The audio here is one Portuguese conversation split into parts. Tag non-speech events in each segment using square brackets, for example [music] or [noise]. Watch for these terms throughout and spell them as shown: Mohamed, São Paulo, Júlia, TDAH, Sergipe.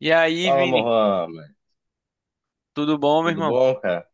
E aí, Fala, Vini? Mohamed. Tudo bom, meu Tudo irmão? bom, cara?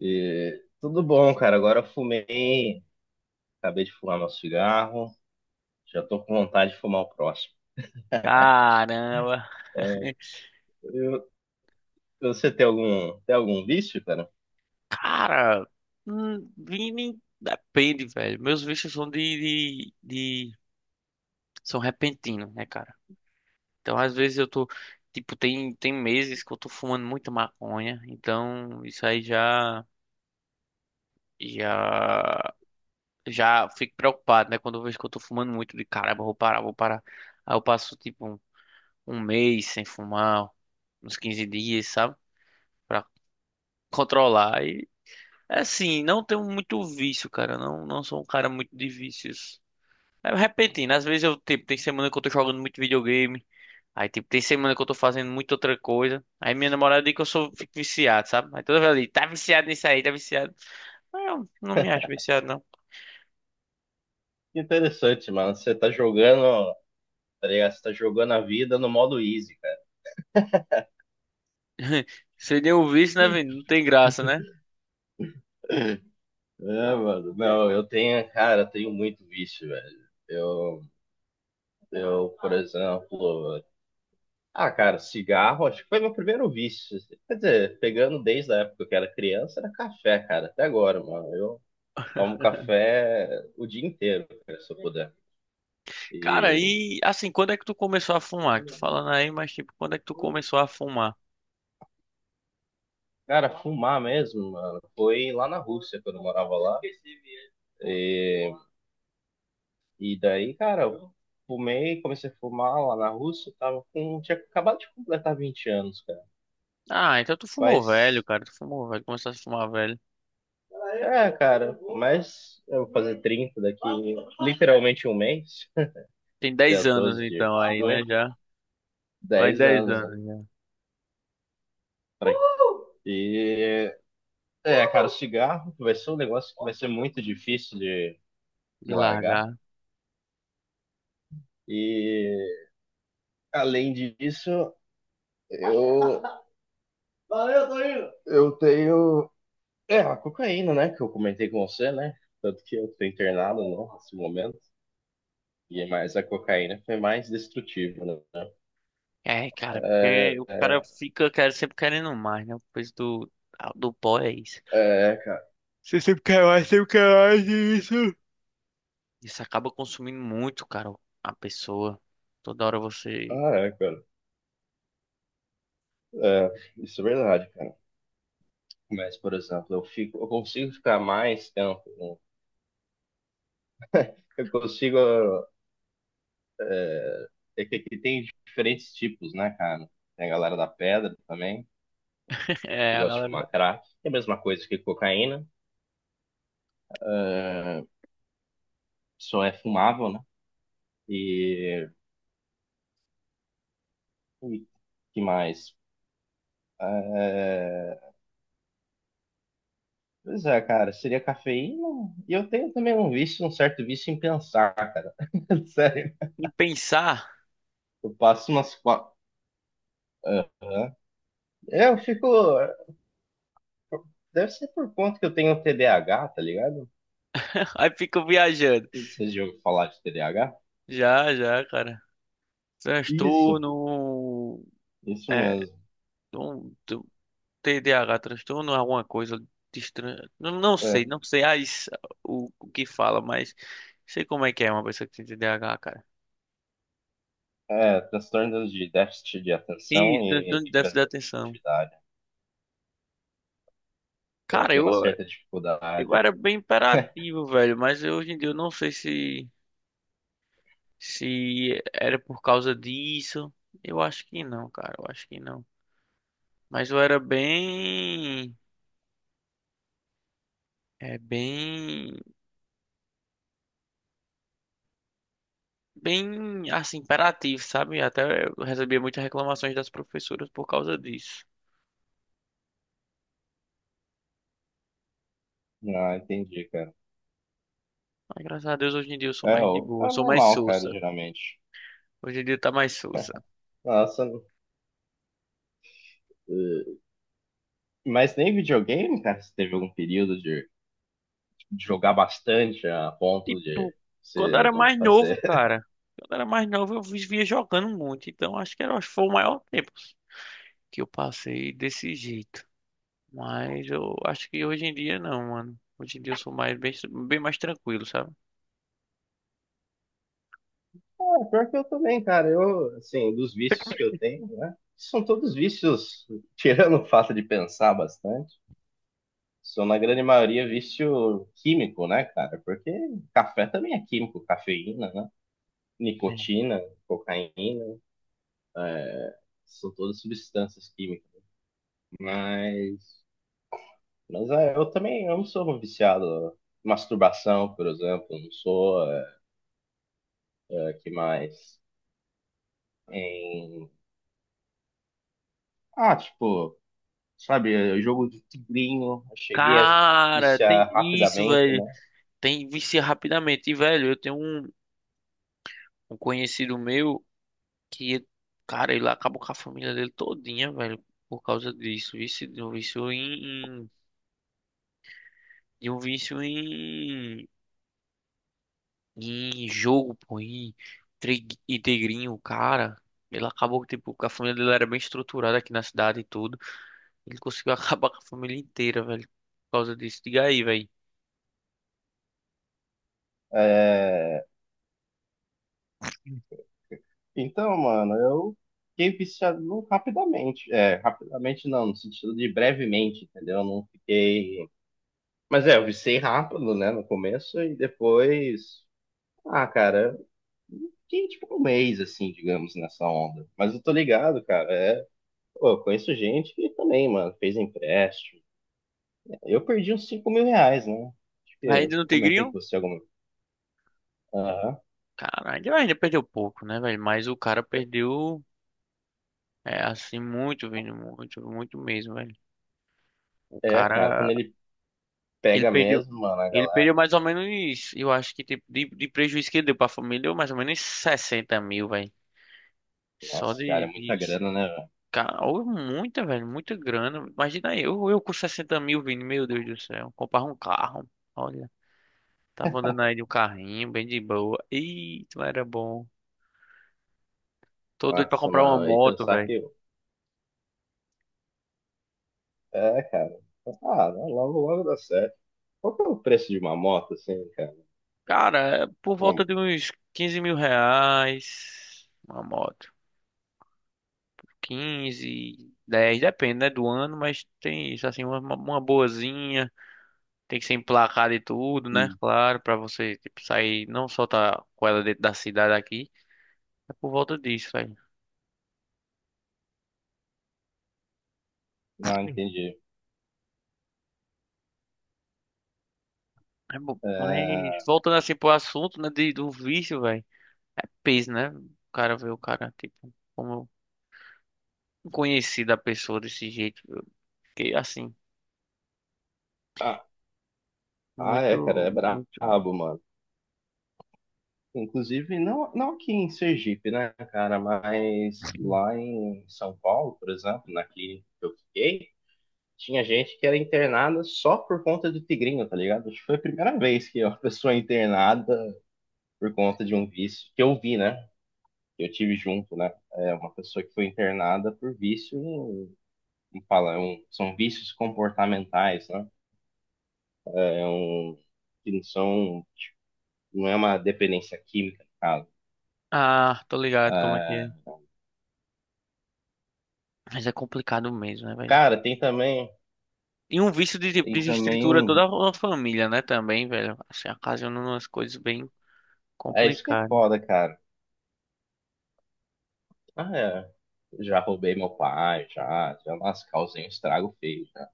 Tudo bom, cara. Agora eu fumei, acabei de fumar meu cigarro, já tô com vontade de fumar o próximo. Caramba. [laughs] Eu- Você tem algum vício, cara? Cara, Vini, depende, velho. Meus vistos são de são repentinos, né, cara? Então, às vezes eu tô. Tipo, tem meses que eu tô fumando muita maconha. Então, isso aí já. Já. Já fico preocupado, né? Quando eu vejo que eu tô fumando muito, de caramba, eu vou parar, vou parar. Aí eu passo, tipo, um mês sem fumar, uns 15 dias, sabe? Pra controlar. É assim, não tenho muito vício, cara. Não, sou um cara muito de vícios. É repentino. Às vezes eu, tipo, tem semana que eu tô jogando muito videogame. Aí, tipo, tem semana que eu tô fazendo muita outra coisa. Aí minha namorada diz que eu sou, fico viciado, sabe? Aí toda vez ela tá viciado nisso aí, tá viciado. Mas eu não me acho viciado, não. Que interessante, mano. Você tá jogando, tá ligado? Você tá jogando a vida no modo easy, cara. [laughs] Seria um vício, né, velho? Não tem graça, né? É, mano. Não, eu tenho, cara, eu tenho muito vício, velho. Eu, por exemplo, ah, cara, cigarro, acho que foi meu primeiro vício, assim. Quer dizer, pegando desde a época que eu era criança, era café, cara, até agora, mano. Eu tomo café o dia inteiro, cara, se eu puder. Cara, E, e assim, quando é que tu começou a fumar? Tu falando aí, mas tipo, quando é que tu começou a fumar? cara, fumar mesmo, mano, foi lá na Rússia, quando eu morava lá. E, e, daí, cara, comecei a fumar lá na Rússia, tinha acabado de completar 20 anos, cara. Ah, então tu fumou velho, Mas, cara. Tu fumou velho, começou a fumar velho. é, cara, mas eu vou fazer 30 daqui literalmente um mês. Tem 10 Dia anos 12 de então aí, junho, né, já. Vai dez 10 anos. né. anos já E, cara, o cigarro vai ser um negócio que vai ser muito difícil de, de de largar. largar. E além disso, eu, [laughs] Valeu, tô indo. Eu tenho. É, a cocaína, né? Que eu comentei com você, né? Tanto que eu tô internado não, nesse momento. E mais a cocaína foi mais destrutiva, né? É, cara, porque É, o cara é, fica sempre querendo mais, né? O peso do pó é isso. é, cara. Isso acaba consumindo muito, cara, a pessoa. Toda hora você. Ah, é, cara. É, isso é verdade, cara. Mas, por exemplo, eu consigo ficar mais tempo, né? Eu consigo. É que aqui tem diferentes tipos, né, cara? Tem a galera da pedra também, [laughs] É, que a gosta de galera. fumar crack. É a mesma coisa que cocaína. é, Só é fumável, né? E. e que mais? É, pois é, cara, seria cafeína. E eu tenho também um vício, um certo vício em pensar, cara. [laughs] Sério. Em pensar, Eu passo umas quatro. É, Eu fico. Deve ser por conta que eu tenho TDAH, tá ligado? [laughs] aí fica viajando. Vocês já ouviram falar de TDAH? Já, já, cara. Isso, Transtorno. isso É. mesmo. Um, tu- TDAH, transtorno, alguma coisa. Não, não sei, É, o que fala, mas sei como é que é uma pessoa que tem TDAH, cara. é transtorno de déficit de atenção Isso, e transtorno de déficit de atenção. hiperatividade. Então, eu Cara, tenho uma certa eu dificuldade. era bem imperativo, velho, mas eu, hoje em dia eu não sei se era por causa disso. Eu acho que não, cara, eu acho que não. Mas eu era bem, é, bem, assim, imperativo, sabe? Até eu recebia muitas reclamações das professoras por causa disso. Ah, entendi, cara. Mas graças a Deus hoje em dia eu sou É, mais de boa, é sou mais normal, cara, sossa. geralmente. Hoje em dia tá mais sossa. Nossa, eh, mas nem videogame, cara, você teve algum período de jogar bastante a ponto de Tipo, quando eu você era não mais novo, fazer. [laughs] cara. Quando eu era mais novo, eu vivia jogando muito. Então, acho que era, acho que foi o maior tempo que eu passei desse jeito. Mas eu acho que hoje em dia não, mano. Hoje em dia eu sou mais bem, bem mais tranquilo, sabe? Ah, pior que eu também, cara. Eu, assim, dos vícios que eu tenho, né? São todos vícios, tirando o fato de pensar bastante. São na grande maioria vício químico, né, cara? Porque café também é químico, cafeína, né? É. Nicotina, cocaína, são todas substâncias químicas. Mas, mas, eu também eu não sou um viciado em masturbação, por exemplo, eu não sou. É, é, que mais? Em... Ah, tipo, sabe, jogo de tigrinho, eu cheguei a Cara, tem viciar isso, rapidamente, velho. né? Tem vicia rapidamente. E, velho, eu tenho um conhecido meu que, cara, ele acabou com a família dele todinha, velho, por causa disso. Vício, de um vício em de um vício em em jogo, pô, em em Tigrinho, o cara. Ele acabou, que, tipo, que a família dele era bem estruturada aqui na cidade e tudo. Ele conseguiu [laughs] acabar com a família inteira, velho. Por causa disso. Diga aí, velho. É, então, mano, eu fiquei viciado rapidamente. É, rapidamente não, no sentido de brevemente, entendeu? Eu não fiquei. Mas, eu viciei rápido, né, no começo e depois. Ah, cara, eu fiquei tipo um mês, assim, digamos, nessa onda. Mas eu tô ligado, cara. Pô, eu conheço gente que também, mano, fez empréstimo. Eu perdi uns R$ 5.000, né? Acho que Ainda eu no comentei Tigrinho? com você alguma. Aham. Cara, ainda, ainda perdeu pouco, né, velho? Mas o cara É, perdeu, é, assim, muito, vindo muito, muito mesmo, velho. O é, cara, quando cara, ele ele pega perdeu, mesmo, mano, a ele galera. perdeu mais ou menos, isso. Eu acho que, tipo, de prejuízo que ele deu pra família, deu mais ou menos 60 mil, velho. Só Nossa, de, cara, é muita disso. grana, né? Cara, ou muita, velho, muita grana. Imagina aí, eu com 60 mil vindo, meu Deus do céu, comprar um carro. Olha, tava andando aí de um carrinho, bem de boa. Eita, era bom. Tô doido pra Nossa, comprar uma mano, aí moto, pensar velho. que. É, cara. Ah, não, logo, logo dá certo. Qual que é o preço de uma moto, assim, cara? Cara, é por volta Uma- de uns 15 mil reais uma moto. Quinze 10 depende, né, do ano, mas tem isso, assim, uma boazinha. Tem que ser emplacada e tudo, né? hum, Claro, pra você, tipo, sair, não só tá com ela dentro da cidade aqui. É por volta disso, velho. não, entendi. É bom, mas É, voltando assim pro assunto, né, do vício, velho, é peso, né? O cara vê o cara, tipo, como conhecido a pessoa desse jeito. Eu fiquei assim, Ah, ah, é, cara, muito, é muito. brabo, mano. Inclusive, não, não aqui em Sergipe, né, cara, mas lá em São Paulo, por exemplo, na clínica que eu fiquei, tinha gente que era internada só por conta do tigrinho, tá ligado? Acho que foi a primeira vez que uma [laughs] pessoa é internada por conta de um vício, que eu vi, né? Eu tive junto, né? É uma pessoa que foi internada por vício, como fala, são vícios comportamentais, né? É um, que não são, não é uma dependência química, no caso. Ah, tô ligado como é que Ah, é. Mas é complicado mesmo, né, velho? cara, E um vício de, tipo, tem também desestrutura um, toda a família, né, também, velho. Assim, ocasiona umas coisas bem é isso que é complicadas. foda, cara. Ah, é, já roubei meu pai, já, já nas causei um estrago feio, já.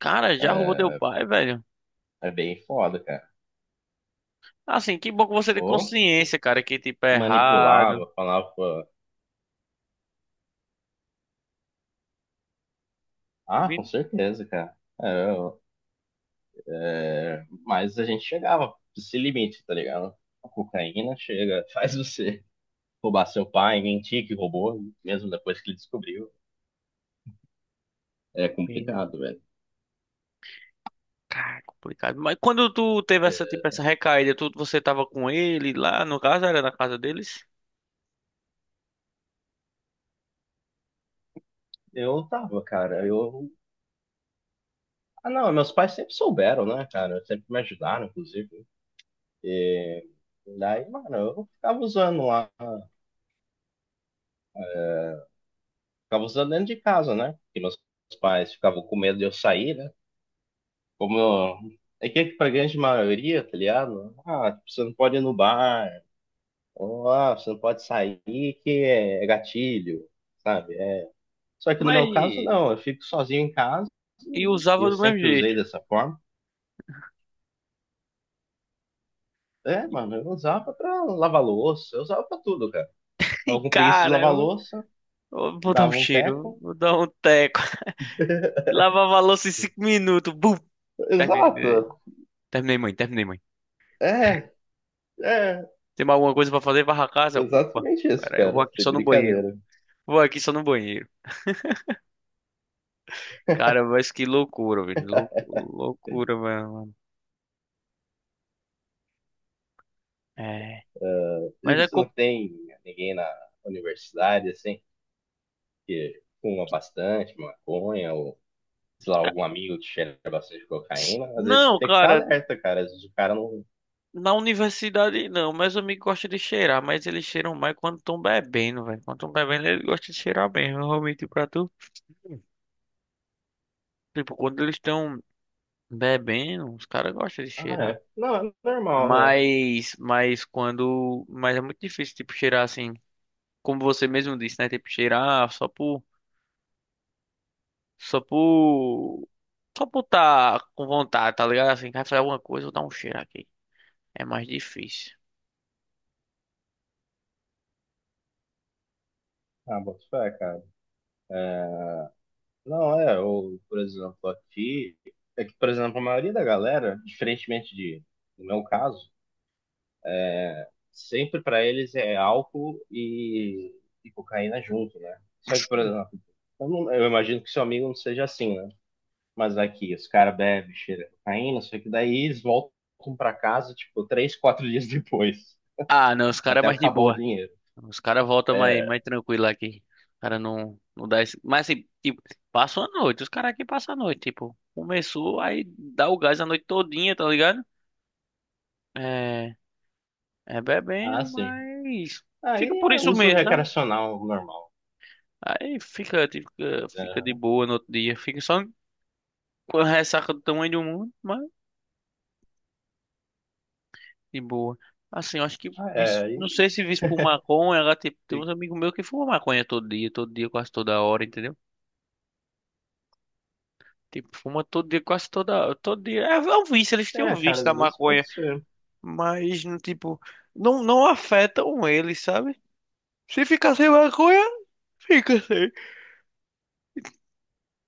Cara, já roubou teu pai, velho? É bem foda, cara. Assim, que bom que você tem Ou consciência, cara, que tipo é errado. manipulava, falava, ah, com Vi- certeza, cara. É, é, mas a gente chegava esse limite, tá ligado? A cocaína chega, [laughs] faz você roubar seu pai, mentir que roubou, mesmo depois que ele descobriu. É complicado, velho. Cara, complicado. Mas quando tu teve essa, É. tipo, essa recaída, tu, você tava com ele lá, no caso era na casa deles? Eu tava, cara, eu. Ah, não, meus pais sempre souberam, né, cara? Sempre me ajudaram, inclusive. Daí, mano, eu ficava usando lá. Ficava usando dentro de casa, né? Porque meus pais ficavam com medo de eu sair, né? É que pra grande maioria, tá ligado? Ah, você não pode ir no bar, ou, você não pode sair que é gatilho, sabe? É. Só que no meu caso, Mas. não, eu fico sozinho em casa E e usava eu do mesmo sempre jeito. usei dessa forma. É, mano, [laughs] eu usava pra lavar louça, eu usava pra tudo, cara. E, Tava com preguiça de cara, lavar louça, vou dar um dava um cheiro, teco. vou dar um teco. [laughs] Lavava a louça em 5 minutos. Bum! Terminei. Exato, Terminei, mãe, terminei, mãe. é, é, Tem mais alguma coisa pra fazer? Varra a casa? Opa, exatamente isso, pera, aí, eu vou cara, aqui sem só no banheiro. brincadeira. Vou aqui só no banheiro. Cara, mas que loucura, velho. Loucura, mano. É. É, e Mas é. você não tem ninguém na universidade, assim, que fuma bastante maconha ou sei lá, algum amigo que cheira bastante cocaína, às vezes Não, tem que ficar cara. alerta, cara. Às vezes o cara não. Na universidade não, meus amigos gostam de cheirar, mas eles cheiram mais quando estão bebendo, velho. Quando estão bebendo, eles gostam de cheirar mesmo, realmente pra tu. Tipo, quando eles estão bebendo, os caras gostam de Ah, cheirar. é. Não, é normal. É. Mas quando. Mas é muito difícil, tipo, cheirar assim. Como você mesmo disse, né? Tipo, cheirar só por. Só por. Só por tá com vontade, tá ligado? Assim, quer fazer alguma coisa, vou dar um cheiro aqui. É mais difícil. Ah, bota fé, cara. Não, é. Ou, por exemplo, aqui. É que, por exemplo, a maioria da galera, diferentemente de, no meu caso, sempre pra eles é álcool e cocaína junto, né? Só que, por exemplo, eu, não- eu imagino que seu amigo não seja assim, né? Mas aqui, os caras bebem, cheira cocaína, só que daí eles voltam pra casa, tipo, 3, 4 dias [laughs] depois, Ah, não, os caras é até mais de acabar o boa. dinheiro. Os caras voltam mais, É, mais tranquilo aqui. O cara não, não dá esse. Mas assim, tipo, passa a noite. Os caras aqui passam a noite. Tipo, começou, aí dá o gás a noite todinha, tá ligado? É, é ah, bebendo, sim. mas Aí fica por é isso uso mesmo, sabe? recreacional normal. Aí fica, tipo, fica, fica de Né? boa no outro dia. Fica só com a ressaca do tamanho do mundo, mas de boa. Assim, eu acho que, Ah, é, não sei se visto por [laughs] maconha, agora, tipo, tem uns amigos meus que fumam maconha todo dia, quase toda hora, entendeu? Tipo, fuma todo dia, quase toda, todo dia. É, é um vício, eles têm um é, vício cara, da às vezes maconha. pode ser. Mas, no tipo, não, não afetam eles, sabe? Se ficar sem maconha, fica sem.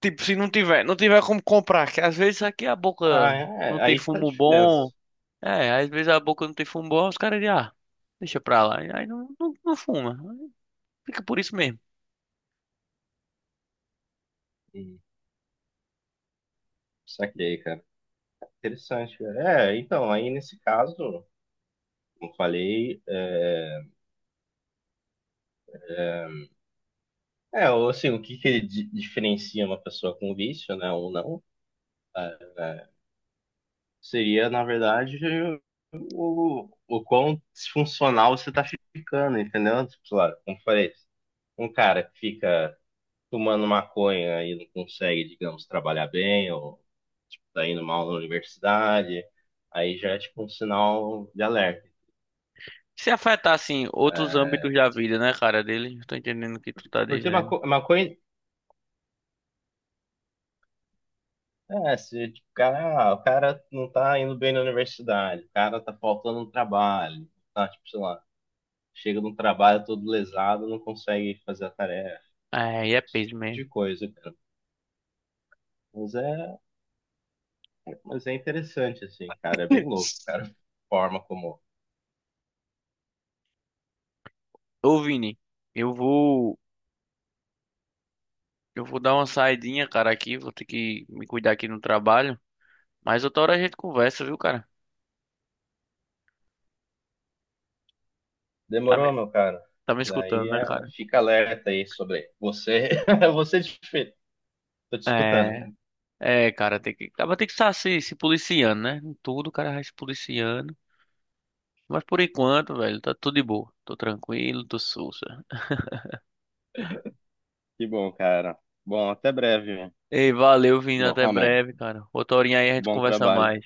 Tipo, se não tiver, não tiver como comprar, que às vezes aqui a Ah, boca não é, tem aí que tá a fumo bom. diferença. É, às vezes a boca não tem fumo bom, os caras dizem, ah, deixa pra lá. E aí não, não, não fuma. Fica por isso mesmo. Hum, saquei, cara. Interessante, cara. É, então, aí nesse caso, como eu falei, o que que diferencia uma pessoa com vício, né, ou não, é, é, seria, na verdade, o quão disfuncional você tá ficando, entendeu? Tipo, sei lá, como eu falei, um cara que fica tomando maconha e não consegue, digamos, trabalhar bem, ou tipo, tá indo mal na universidade, aí já é tipo um sinal de alerta. Se afetar, assim, outros É, âmbitos da vida, né, cara, deles? Tô entendendo o que tu tá porque dizendo. maconha, se tipo, o cara, não tá indo bem na universidade, o cara tá faltando um trabalho, tá, tipo, sei lá, chega num trabalho todo lesado, não consegue fazer a tarefa, É, e é peso de mesmo. coisa, cara. Mas é, mas é interessante, assim, cara, é bem louco, [laughs] cara, a forma como. Ô, Vini, eu vou, eu vou dar uma saidinha, cara, aqui. Vou ter que me cuidar aqui no trabalho. Mas outra hora a gente conversa, viu, cara? Tá me, Demorou, meu cara. tá me escutando, Daí né, cara? fica alerta aí sobre você. [laughs] Você, desfe- Tô te escutando, É, cara. é, cara, tem que, acaba tem que estar se policiando, né? Em tudo, o cara vai se policiando. Mas por enquanto, velho, tá tudo de boa. Tô tranquilo, tô sussa. Que bom, cara. Bom, até breve, Ei, valeu, Vini, até Mohamed. breve, cara. Outra horinha aí a gente Bom conversa trabalho. mais.